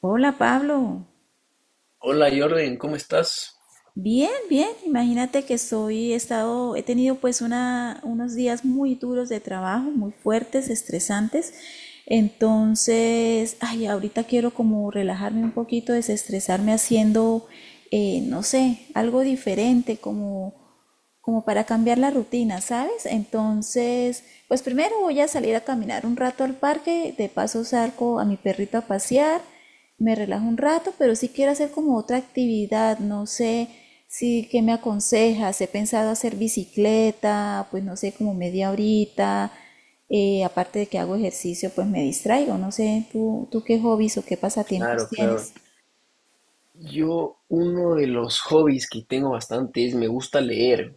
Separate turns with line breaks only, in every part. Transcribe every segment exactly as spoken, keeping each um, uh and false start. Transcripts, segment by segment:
Hola Pablo,
Hola Jordan, ¿cómo estás?
bien, bien. Imagínate que soy, he estado, he tenido pues una, unos días muy duros de trabajo, muy fuertes, estresantes. Entonces, ay, ahorita quiero como relajarme un poquito, desestresarme haciendo, eh, no sé, algo diferente, como como para cambiar la rutina, ¿sabes? Entonces, pues primero voy a salir a caminar un rato al parque, de paso saco a mi perrito a pasear, me relajo un rato, pero sí quiero hacer como otra actividad, no sé si qué me aconsejas, he pensado hacer bicicleta, pues no sé, como media horita, eh, aparte de que hago ejercicio, pues me distraigo, no sé, tú, tú qué hobbies o qué pasatiempos
Claro, claro.
tienes.
Yo, uno de los hobbies que tengo bastante es me gusta leer.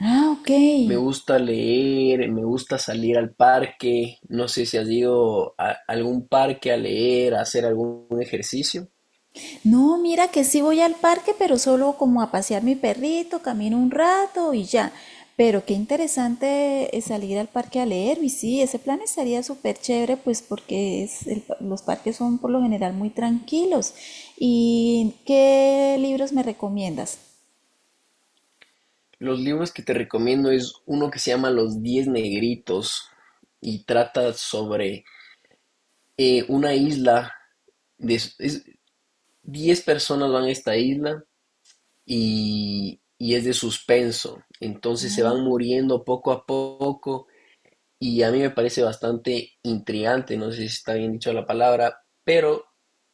Ah, ok.
Me gusta leer, me gusta salir al parque. No sé si has ido a algún parque a leer, a hacer algún ejercicio.
No, mira que sí voy al parque, pero solo como a pasear mi perrito, camino un rato y ya. Pero qué interesante eh, salir al parque a leer. Y sí, ese plan estaría súper chévere, pues porque es el pa- los parques son por lo general muy tranquilos. ¿Y qué libros me recomiendas?
Los libros que te recomiendo es uno que se llama Los Diez Negritos y trata sobre eh, una isla. De, es- Diez personas van a esta isla y, y es de suspenso. Entonces se van muriendo poco a poco y a mí me parece bastante intrigante, no sé si está bien dicho la palabra, pero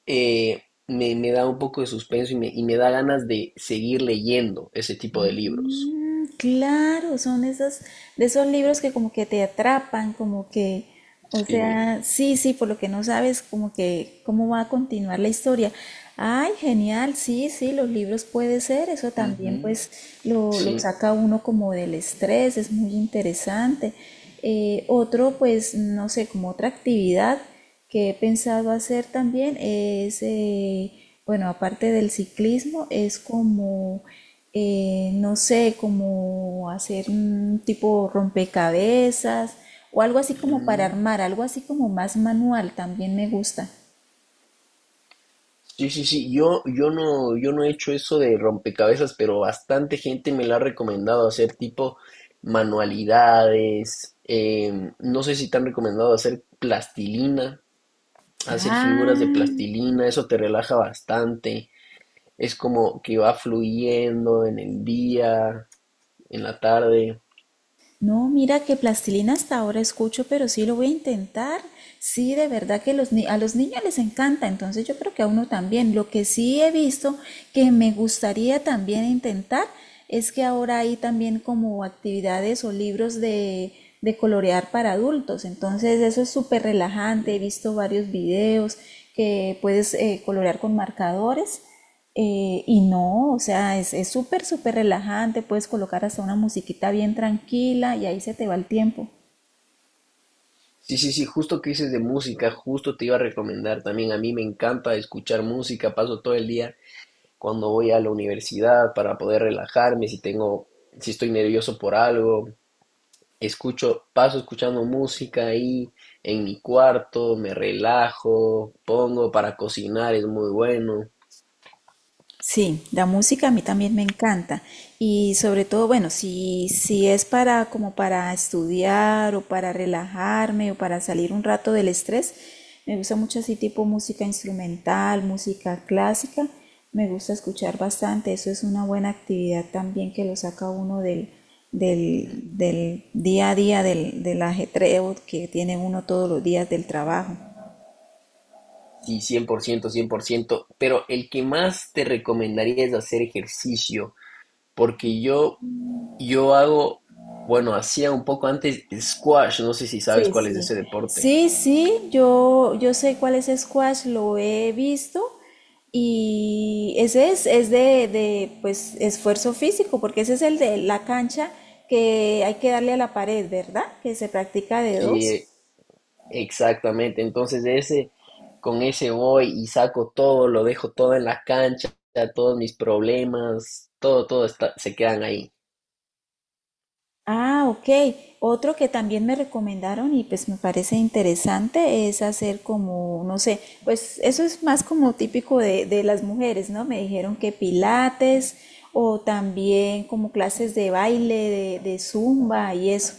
eh, me, me da un poco de suspenso y me, y me da ganas de seguir leyendo ese tipo de libros.
Mm, claro, son esas, de esos libros que como que te atrapan, como que, o
Sí.
sea, sí, sí, por lo que no sabes, como que cómo va a continuar la historia. Ay, genial, sí, sí, los libros puede ser, eso también
Ujú.
pues lo, lo
Sí.
saca uno como del estrés, es muy interesante. Eh, otro, pues, no sé, como otra actividad que he pensado hacer también es, eh, bueno, aparte del ciclismo, es como, eh, no sé, como hacer un tipo rompecabezas o algo así como para
Ujú.
armar, algo así como más manual, también me gusta.
Sí, sí, sí, yo, yo no, yo no he hecho eso de rompecabezas, pero bastante gente me lo ha recomendado hacer tipo manualidades. Em, no sé si te han recomendado hacer plastilina, hacer figuras de
Ah.
plastilina, eso te relaja bastante, es como que va fluyendo en el día, en la tarde.
No, mira que plastilina hasta ahora escucho, pero sí lo voy a intentar. Sí, de verdad que los ni- a los niños les encanta, entonces yo creo que a uno también. Lo que sí he visto que me gustaría también intentar es que ahora hay también como actividades o libros de, de colorear para adultos. Entonces eso es súper relajante. He
Mm.
visto varios videos que puedes eh, colorear con marcadores. Eh, y no, o sea, es es súper, súper relajante, puedes colocar hasta una musiquita bien tranquila y ahí se te va el tiempo.
Sí, sí, sí, justo que dices de música, justo te iba a recomendar también, a mí me encanta escuchar música, paso todo el día cuando voy a la universidad para poder relajarme, si tengo, si estoy nervioso por algo, escucho, paso escuchando música ahí en mi cuarto, me relajo, pongo para cocinar, es muy bueno.
Sí, la música a mí también me encanta y sobre todo, bueno, si, si es para como para estudiar o para relajarme o para salir un rato del estrés, me gusta mucho así tipo música instrumental, música clásica, me gusta escuchar bastante, eso es una buena actividad también que lo saca uno del, del, del día a día, del, del ajetreo que tiene uno todos los días del trabajo.
Sí, cien por ciento, cien por ciento, pero el que más te recomendaría es hacer ejercicio, porque yo, yo hago, bueno, hacía un poco antes squash, no sé si sabes
Sí,
cuál es
sí.
ese deporte.
Sí, sí, yo, yo sé cuál es squash, lo he visto y ese es, es de, de, pues, esfuerzo físico, porque ese es el de la cancha que hay que darle a la pared, ¿verdad? Que se practica de
Sí.
dos.
Exactamente, entonces de ese, con ese voy y saco todo, lo dejo todo en la cancha, todos mis problemas, todo, todo está, se quedan ahí.
Ah, ok. Otro que también me recomendaron y pues me parece interesante es hacer como, no sé, pues eso es más como típico de, de las mujeres, ¿no? Me dijeron que pilates o también como clases de baile, de, de zumba y eso.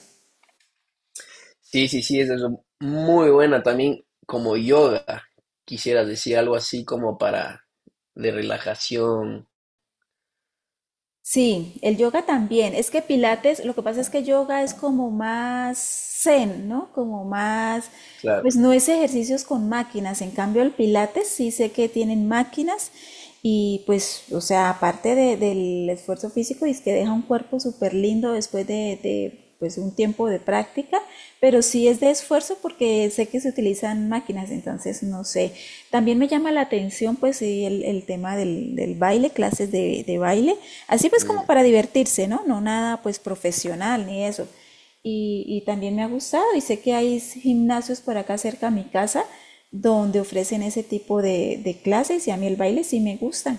Sí, sí, sí, eso es muy buena también como yoga, quisieras decir algo así como para de relajación,
Sí, el yoga también. Es que pilates, lo que pasa es que yoga es como más zen, ¿no? Como más,
claro.
pues no es ejercicios con máquinas. En cambio, el pilates sí sé que tienen máquinas y pues, o sea, aparte de- del esfuerzo físico, es que deja un cuerpo súper lindo después de, de pues un tiempo de práctica, pero sí es de esfuerzo porque sé que se utilizan máquinas, entonces no sé. También me llama la atención pues sí, el, el tema del, del, baile, clases de, de baile, así pues como
Mm.
para divertirse, ¿no? No nada pues profesional ni eso. Y, y también me ha gustado y sé que hay gimnasios por acá cerca a mi casa donde ofrecen ese tipo de, de clases y a mí el baile sí me gusta.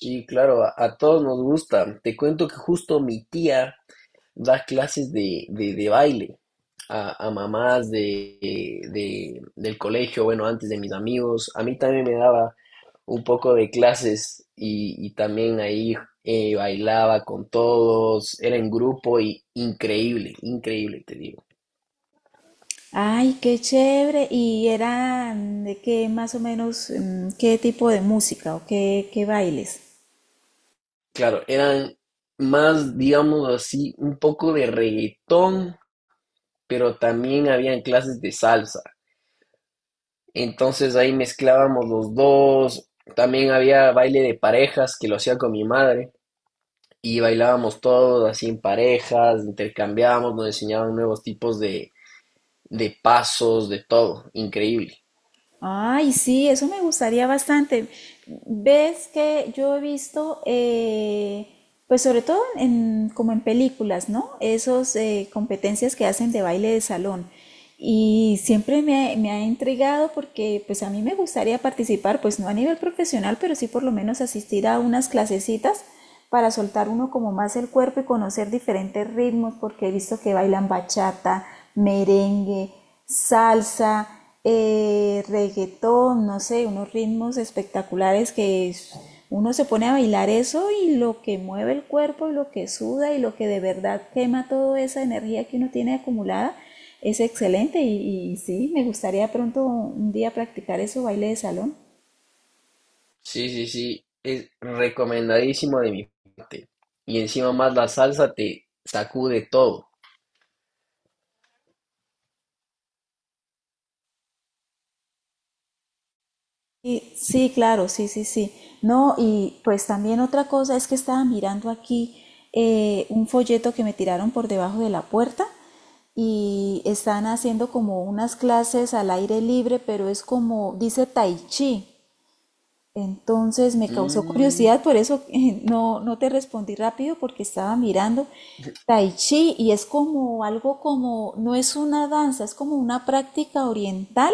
Y claro, a, a todos nos gusta. Te cuento que justo mi tía dar clases de, de, de baile a, a mamás de, de- del colegio, bueno, antes de mis amigos. A mí también me daba un poco de clases, y, y también ahí eh, bailaba con todos, era en grupo y increíble, increíble, te digo.
Ay, qué chévere. ¿Y eran de qué más o menos, mm, qué tipo de música o qué, qué bailes?
Claro, eran más, digamos así, un poco de reggaetón, pero también habían clases de salsa. Entonces ahí mezclábamos los dos. También había baile de parejas que lo hacía con mi madre. Y bailábamos todos así en parejas, intercambiábamos, nos enseñaban nuevos tipos de, de pasos, de todo. Increíble.
Ay, sí, eso me gustaría bastante. Ves que yo he visto, eh, pues sobre todo en, como en películas, ¿no? Esos eh, competencias que hacen de baile de salón. Y siempre me, ha- me ha intrigado porque pues a mí me gustaría participar, pues no a nivel profesional, pero sí por lo menos asistir a unas clasecitas para soltar uno como más el cuerpo y conocer diferentes ritmos, porque he visto que bailan bachata, merengue, salsa, eh, reggaetón, no sé, unos ritmos espectaculares que es- uno se pone a bailar eso y lo que mueve el cuerpo y lo que suda y lo que de verdad quema toda esa energía que uno tiene acumulada es excelente y, y sí, me gustaría pronto un día practicar eso, baile de salón.
Sí, sí, sí. Es recomendadísimo de mi parte. Y encima más la salsa te sacude todo.
Sí, sí, claro, sí, sí, sí. No, y pues también otra cosa es que estaba mirando aquí eh, un folleto que me tiraron por debajo de la puerta y están haciendo como unas clases al aire libre, pero es como, dice tai chi. Entonces me causó
Mm.
curiosidad, por eso eh, no, no te respondí rápido porque estaba mirando tai chi y es como algo como, no es una danza, es como una práctica oriental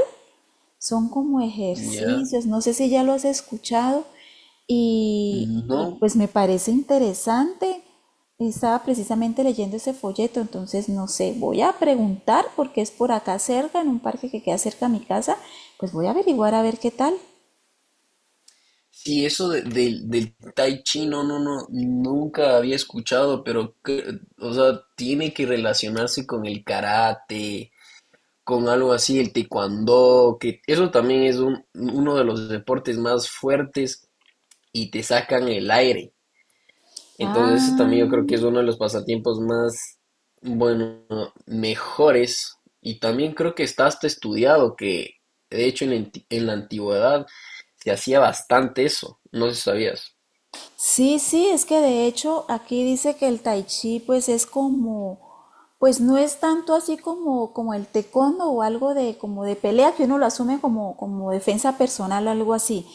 son como
Ya.
ejercicios, no sé si ya lo has escuchado y, y,
No.
pues me parece interesante. Estaba precisamente leyendo ese folleto, entonces no sé, voy a preguntar porque es por acá cerca, en un parque que queda cerca a mi casa, pues voy a averiguar a ver qué tal.
Sí, eso de- del del tai chi, no, no, no, nunca había escuchado, pero, que- o sea, tiene que relacionarse con el karate, con algo así, el taekwondo, que eso también es un- uno de los deportes más fuertes y te sacan el aire. Entonces, eso
Ah.
también yo creo que es uno de los pasatiempos más, bueno, mejores. Y también creo que está hasta estudiado que, de hecho, en la anti- en la antigüedad se hacía bastante eso, no sé si sabías.
Sí, sí, es que de hecho aquí dice que el tai chi pues es como, pues no es tanto así como, como el taekwondo o algo de como de pelea que uno lo asume como, como defensa personal o algo así.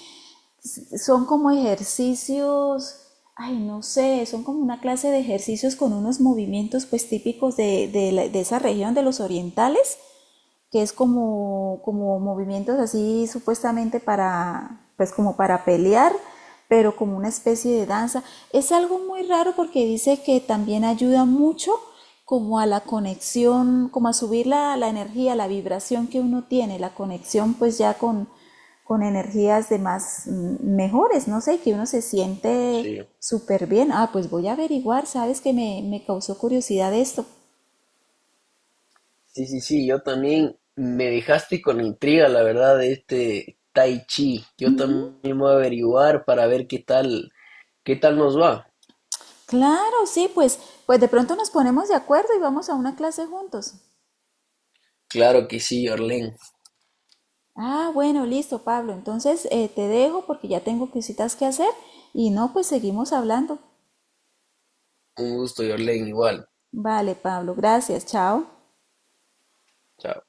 Son como ejercicios, ay no sé, son como una clase de ejercicios con unos movimientos pues típicos de, de la- de esa región de los orientales que es como, como movimientos así supuestamente para, pues como para pelear, pero como una especie de danza. Es algo muy raro porque dice que también ayuda mucho como a la conexión, como a subir la, la energía, la vibración que uno tiene, la conexión pues ya con, con energías de más mm, mejores, no sé, que uno se siente
Sí,
súper bien. Ah, pues voy a averiguar, sabes que me, me causó curiosidad esto.
sí, sí, sí, yo también me dejaste con intriga, la verdad, de este Tai Chi. Yo también voy a averiguar para ver qué tal, qué tal nos va.
Claro, sí, pues, pues de pronto nos ponemos de acuerdo y vamos a una clase juntos.
Claro que sí, Orlen.
Ah, bueno, listo, Pablo. Entonces eh, te dejo porque ya tengo cositas que hacer y no, pues seguimos hablando.
Un gusto, Orlen, igual.
Vale, Pablo, gracias, chao.
Chao.